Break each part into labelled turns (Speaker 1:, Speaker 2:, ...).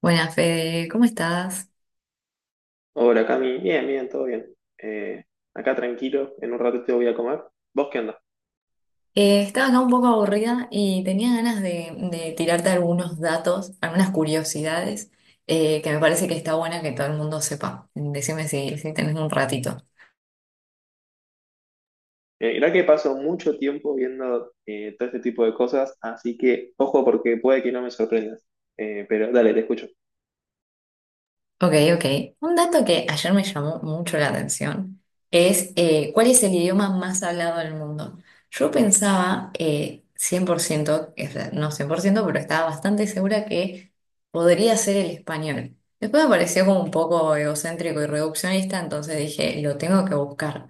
Speaker 1: Buenas, Fede, ¿cómo estás?
Speaker 2: Hola Cami, bien, bien, todo bien. Eh, Acá tranquilo, en un rato te voy a comer. ¿Vos qué onda?
Speaker 1: Estaba acá un poco aburrida y tenía ganas de tirarte algunos datos, algunas curiosidades que me parece que está buena que todo el mundo sepa. Decime si tenés un ratito.
Speaker 2: Mirá que paso mucho tiempo viendo todo este tipo de cosas, así que ojo porque puede que no me sorprendas. Pero dale, te escucho.
Speaker 1: Ok, ok. Un dato que ayer me llamó mucho la atención es ¿cuál es el idioma más hablado del mundo? Yo pensaba 100%, o sea, no 100%, pero estaba bastante segura que podría ser el español. Después me pareció como un poco egocéntrico y reduccionista, entonces dije, lo tengo que buscar.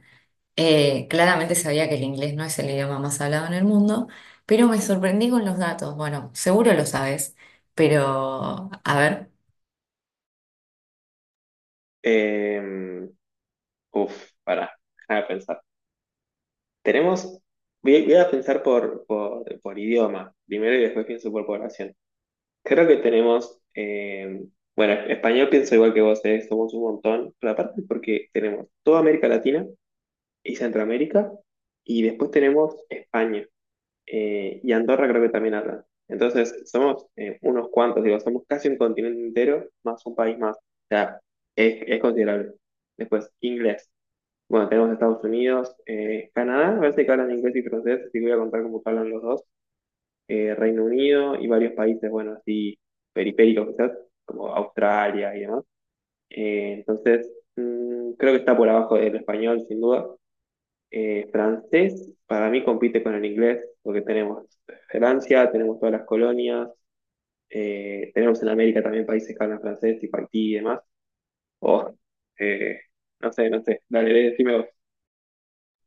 Speaker 1: Claramente sabía que el inglés no es el idioma más hablado en el mundo, pero me sorprendí con los datos. Bueno, seguro lo sabes, pero a ver.
Speaker 2: Eh, Uf, pará, déjame pensar. Tenemos, voy, a voy a pensar por idioma, primero y después pienso por población. Creo que tenemos, bueno, español pienso igual que vos, somos un montón, pero aparte porque tenemos toda América Latina y Centroamérica. Y después tenemos España y Andorra creo que también hablan. Entonces, somos unos cuantos, digo, somos casi un continente entero más un país más. O sea, es considerable. Después, inglés. Bueno, tenemos Estados Unidos, Canadá, a veces que hablan inglés y francés, así que voy a contar cómo hablan los dos. Reino Unido y varios países, bueno, así periféricos quizás, como Australia y demás. Entonces, mm, creo que está por abajo del español, sin duda. Francés para mí compite con el inglés, porque tenemos Francia, tenemos todas las colonias, tenemos en América también países que hablan francés, tipo Haití y demás. O, eh, no sé, no sé, dale, decime vos.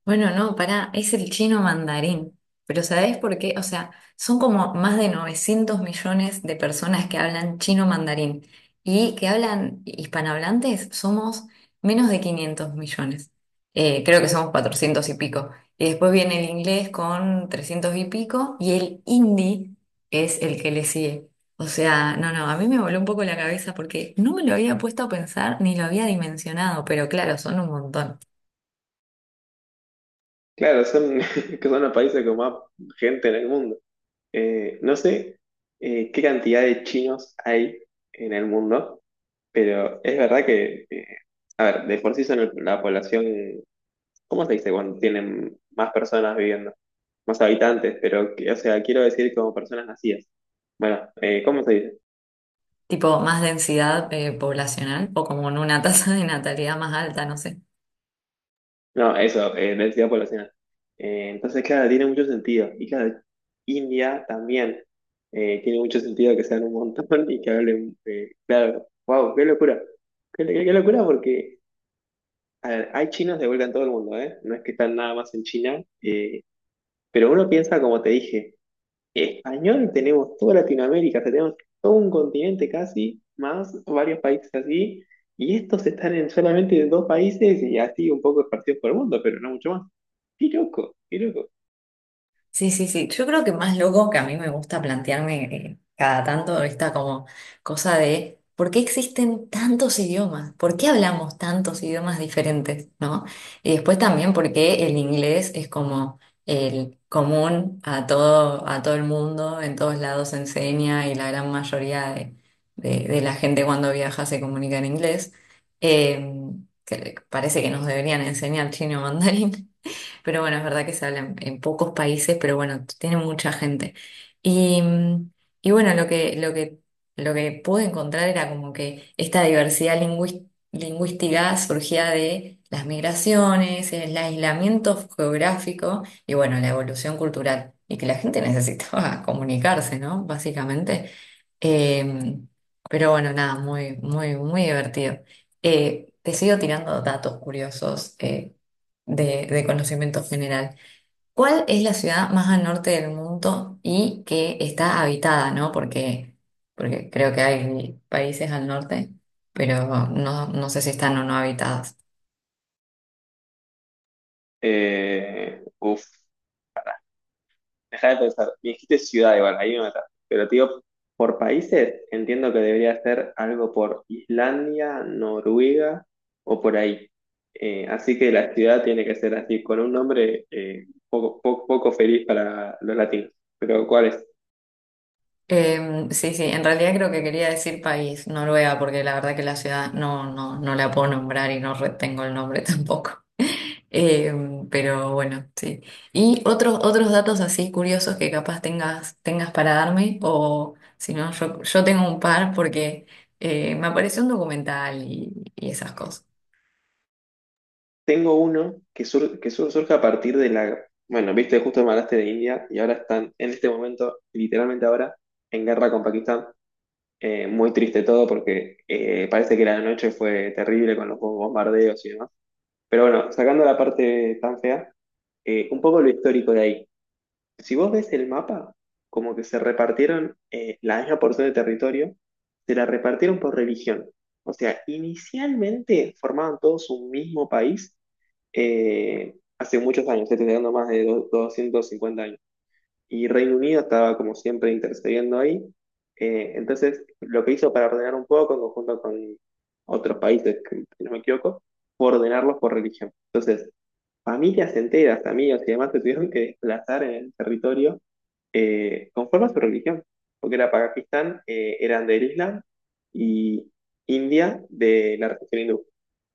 Speaker 1: Bueno, no, pará, es el chino mandarín. Pero ¿sabés por qué? O sea, son como más de 900 millones de personas que hablan chino mandarín y que hablan hispanohablantes somos menos de 500 millones. Creo que somos 400 y pico. Y después viene el inglés con 300 y pico y el hindi es el que le sigue. O sea, no, no, a mí me voló un poco la cabeza porque no me lo había puesto a pensar ni lo había dimensionado, pero claro, son un montón.
Speaker 2: Claro, son, que son los países con más gente en el mundo. No sé qué cantidad de chinos hay en el mundo, pero es verdad que, a ver, de por sí son la población. ¿Cómo se dice cuando tienen más personas viviendo? Más habitantes, pero, o sea, quiero decir como personas nacidas. Bueno, ¿cómo se dice?
Speaker 1: Tipo más densidad poblacional o como en una tasa de natalidad más alta, no sé.
Speaker 2: No, eso, densidad poblacional. Entonces, claro, tiene mucho sentido. Y claro, India también tiene mucho sentido que sean un montón y que hablen, claro, wow, qué locura. Qué locura porque, a ver, hay chinos de vuelta en todo el mundo, ¿eh? No es que están nada más en China, pero uno piensa, como te dije, español tenemos toda Latinoamérica, o sea, tenemos todo un continente casi, más varios países así, y estos están en solamente dos países y así un poco esparcidos por el mundo, pero no mucho más. Qué loco, qué loco.
Speaker 1: Sí, sí, sí. Yo creo que más loco que a mí me gusta plantearme cada tanto esta como cosa de ¿por qué existen tantos idiomas? ¿Por qué hablamos tantos idiomas diferentes? ¿No? Y después también por qué el inglés es como el común a todo el mundo, en todos lados se enseña y la gran mayoría de la gente cuando viaja se comunica en inglés. Eh, que parece que nos deberían enseñar chino mandarín. Pero bueno, es verdad que se habla en pocos países, pero bueno, tiene mucha gente. Y, y bueno, lo que pude encontrar era como que esta diversidad lingüística surgía de las migraciones, el aislamiento geográfico y bueno, la evolución cultural. Y que la gente necesitaba comunicarse, ¿no? Básicamente. Eh, pero bueno, nada, muy, muy, muy divertido. Te sigo tirando datos curiosos, de conocimiento general. ¿Cuál es la ciudad más al norte del mundo y que está habitada, ¿no? Porque, porque creo que hay países al norte, pero no, no sé si están o no habitadas.
Speaker 2: Uf. Deja de pensar, me dijiste ciudad igual, ahí me mataste. Pero te digo, por países, entiendo que debería ser algo por Islandia, Noruega o por ahí. Así que la ciudad tiene que ser así, con un nombre poco, poco, poco feliz para los latinos. Pero ¿cuál es?
Speaker 1: Sí, sí, en realidad creo que quería decir país, Noruega, porque la verdad que la ciudad no la puedo nombrar y no retengo el nombre tampoco. Eh, pero bueno, sí. Y otros datos así curiosos que capaz tengas para darme, o si no, yo tengo un par porque me apareció un documental y esas cosas.
Speaker 2: Tengo uno que, surge a partir de la... Bueno, viste, justo me hablaste de India y ahora están, en este momento, literalmente ahora, en guerra con Pakistán. Muy triste todo porque parece que la noche fue terrible con los bombardeos y demás. Pero bueno, sacando la parte tan fea, un poco lo histórico de ahí. Si vos ves el mapa, como que se repartieron la misma porción de territorio, se la repartieron por religión. O sea, inicialmente formaban todos un mismo país hace muchos años, estoy hablando más de 250 años. Y Reino Unido estaba como siempre intercediendo ahí. Entonces, lo que hizo para ordenar un poco, en conjunto con otros países, que, si no me equivoco, fue ordenarlos por religión. Entonces, familias enteras, amigos y demás se tuvieron que desplazar en el territorio conforme a su religión, porque era Pakistán, eran del Islam y India de la religión hindú.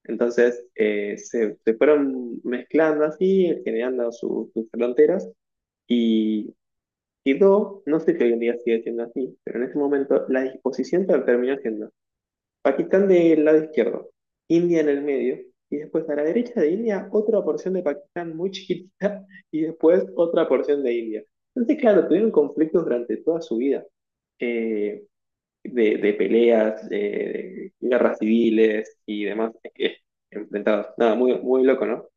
Speaker 2: Entonces, se fueron mezclando así, generando sus fronteras. Y y dos, no sé si hoy en día sigue siendo así, pero en ese momento la disposición terminó siendo Pakistán del lado izquierdo, India en el medio, y después a la derecha de India otra porción de Pakistán muy chiquitita, y después otra porción de India. Entonces, claro, tuvieron conflictos durante toda su vida, eh, de peleas, de guerras civiles y demás eh, enfrentados. Nada, muy, muy loco, ¿no?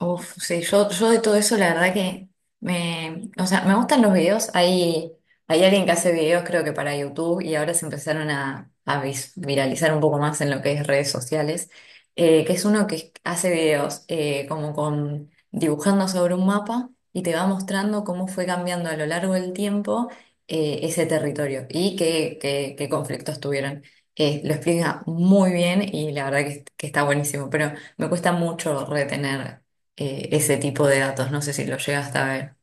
Speaker 1: Uf, sí, yo de todo eso la verdad que me, o sea, me gustan los videos. Hay alguien que hace videos creo que para YouTube y ahora se empezaron a viralizar un poco más en lo que es redes sociales, que es uno que hace videos como con dibujando sobre un mapa y te va mostrando cómo fue cambiando a lo largo del tiempo ese territorio y qué conflictos tuvieron. Lo explica muy bien y la verdad que está buenísimo, pero me cuesta mucho retener ese tipo de datos. No sé si lo llegaste a ver.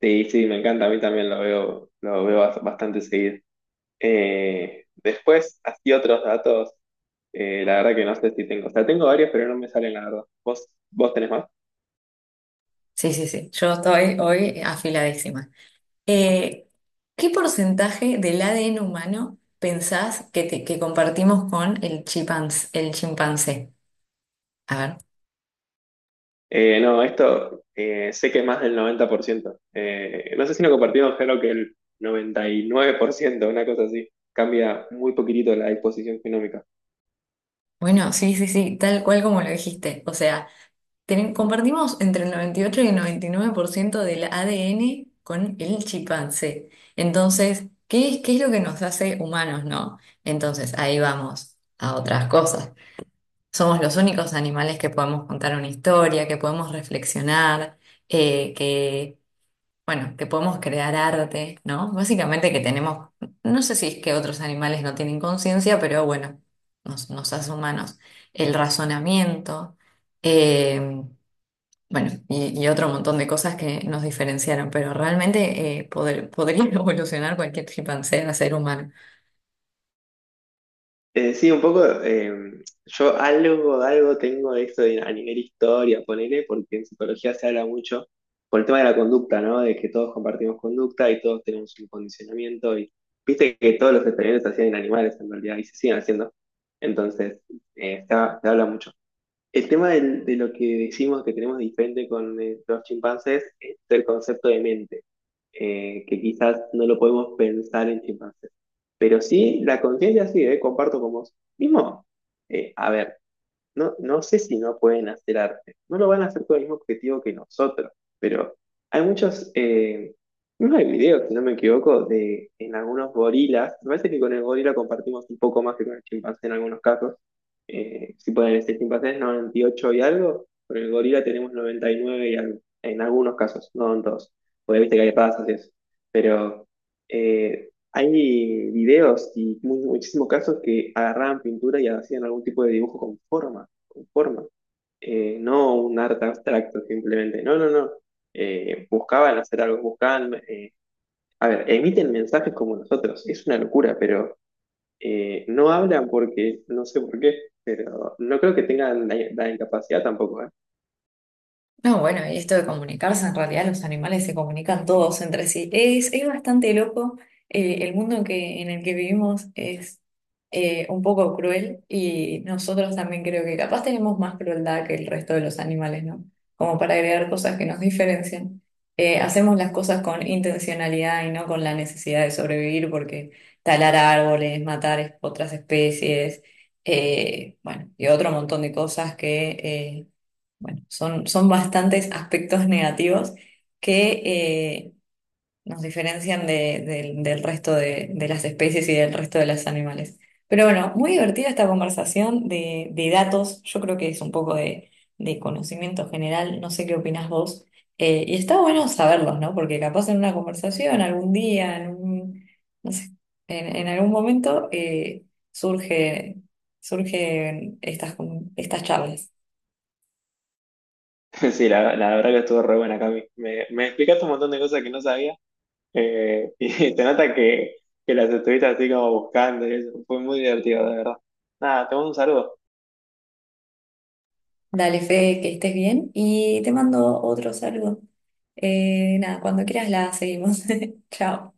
Speaker 2: Sí, sí, me encanta, a mí también lo veo bastante seguido. Después, así otros datos, la verdad que no sé si tengo. O sea, tengo varios, pero no me salen, la verdad. Vos tenés más?
Speaker 1: Sí, sí, sí. Yo estoy hoy afiladísima. Eh, ¿Qué porcentaje del ADN humano pensás que compartimos con el el chimpancé? A ver.
Speaker 2: No, esto sé que más del 90%. No sé si lo compartimos, creo que el 99%, una cosa así. Cambia muy poquitito la disposición genómica.
Speaker 1: Bueno, sí, sí, sí, tal cual como lo dijiste. O sea, compartimos entre el 98 y el 99% del ADN con el chimpancé. Entonces, ¿qué es lo que nos hace humanos, no? Entonces, ahí vamos a otras cosas. Somos los únicos animales que podemos contar una historia, que podemos reflexionar, eh, que, bueno, que podemos crear arte, ¿no? Básicamente que tenemos, no sé si es que otros animales no tienen conciencia, pero bueno, nos, nos hace humanos. El razonamiento, eh, bueno, y otro montón de cosas que nos diferenciaron, pero realmente podría evolucionar cualquier chimpancé a ser humano.
Speaker 2: Sí, un poco, yo algo, algo tengo de esto a nivel historia, ponele, porque en psicología se habla mucho por el tema de la conducta, ¿no? De que todos compartimos conducta y todos tenemos un condicionamiento y viste que todos los experimentos se hacían en animales en realidad y se siguen haciendo. Entonces, se habla mucho. El tema de lo que decimos que tenemos diferente con los chimpancés es el concepto de mente, que quizás no lo podemos pensar en chimpancés. Pero sí, la conciencia sí, comparto con vos. Mismo, a ver. No, no sé si no pueden hacer arte. No lo van a hacer con el mismo objetivo que nosotros, pero hay muchos, no hay videos, si no me equivoco, de en algunos gorilas. Me parece que con el gorila compartimos un poco más que con el chimpancé en algunos casos. Si pueden decir chimpancés 98 y ocho y algo, con el gorila tenemos 99 y nueve y algo, en algunos casos, no en todos. Porque viste que hay razas y eso. Pero hay videos y muchísimos casos que agarraban pintura y hacían algún tipo de dibujo con forma, no un arte abstracto simplemente, no, no, no. Buscaban hacer algo, buscaban, a ver, emiten mensajes como nosotros, es una locura, pero no hablan porque, no sé por qué, pero no creo que tengan la incapacidad tampoco, ¿eh?
Speaker 1: No, bueno, y esto de comunicarse, en realidad los animales se comunican todos entre sí. Es bastante loco. El mundo que, en el que vivimos es un poco cruel y nosotros también creo que capaz tenemos más crueldad que el resto de los animales, ¿no? Como para agregar cosas que nos diferencian. Hacemos las cosas con intencionalidad y no con la necesidad de sobrevivir porque talar árboles, matar otras especies, bueno, y otro montón de cosas que... bueno, son bastantes aspectos negativos que nos diferencian del del resto de las especies y del resto de los animales. Pero bueno, muy divertida esta conversación de datos. Yo creo que es un poco de conocimiento general. No sé qué opinás vos. Y está bueno saberlos, ¿no? Porque capaz en una conversación, algún día, no sé, en algún momento surge, surgen estas, estas charlas.
Speaker 2: Sí, la verdad que estuvo re buena, Cami. Me explicaste un montón de cosas que no sabía y te nota que las estuviste así como buscando y eso, fue muy divertido, de verdad. Nada, te mando un saludo.
Speaker 1: Dale, Fede, que estés bien y te mando otro saludo. Nada, cuando quieras la seguimos. Chao.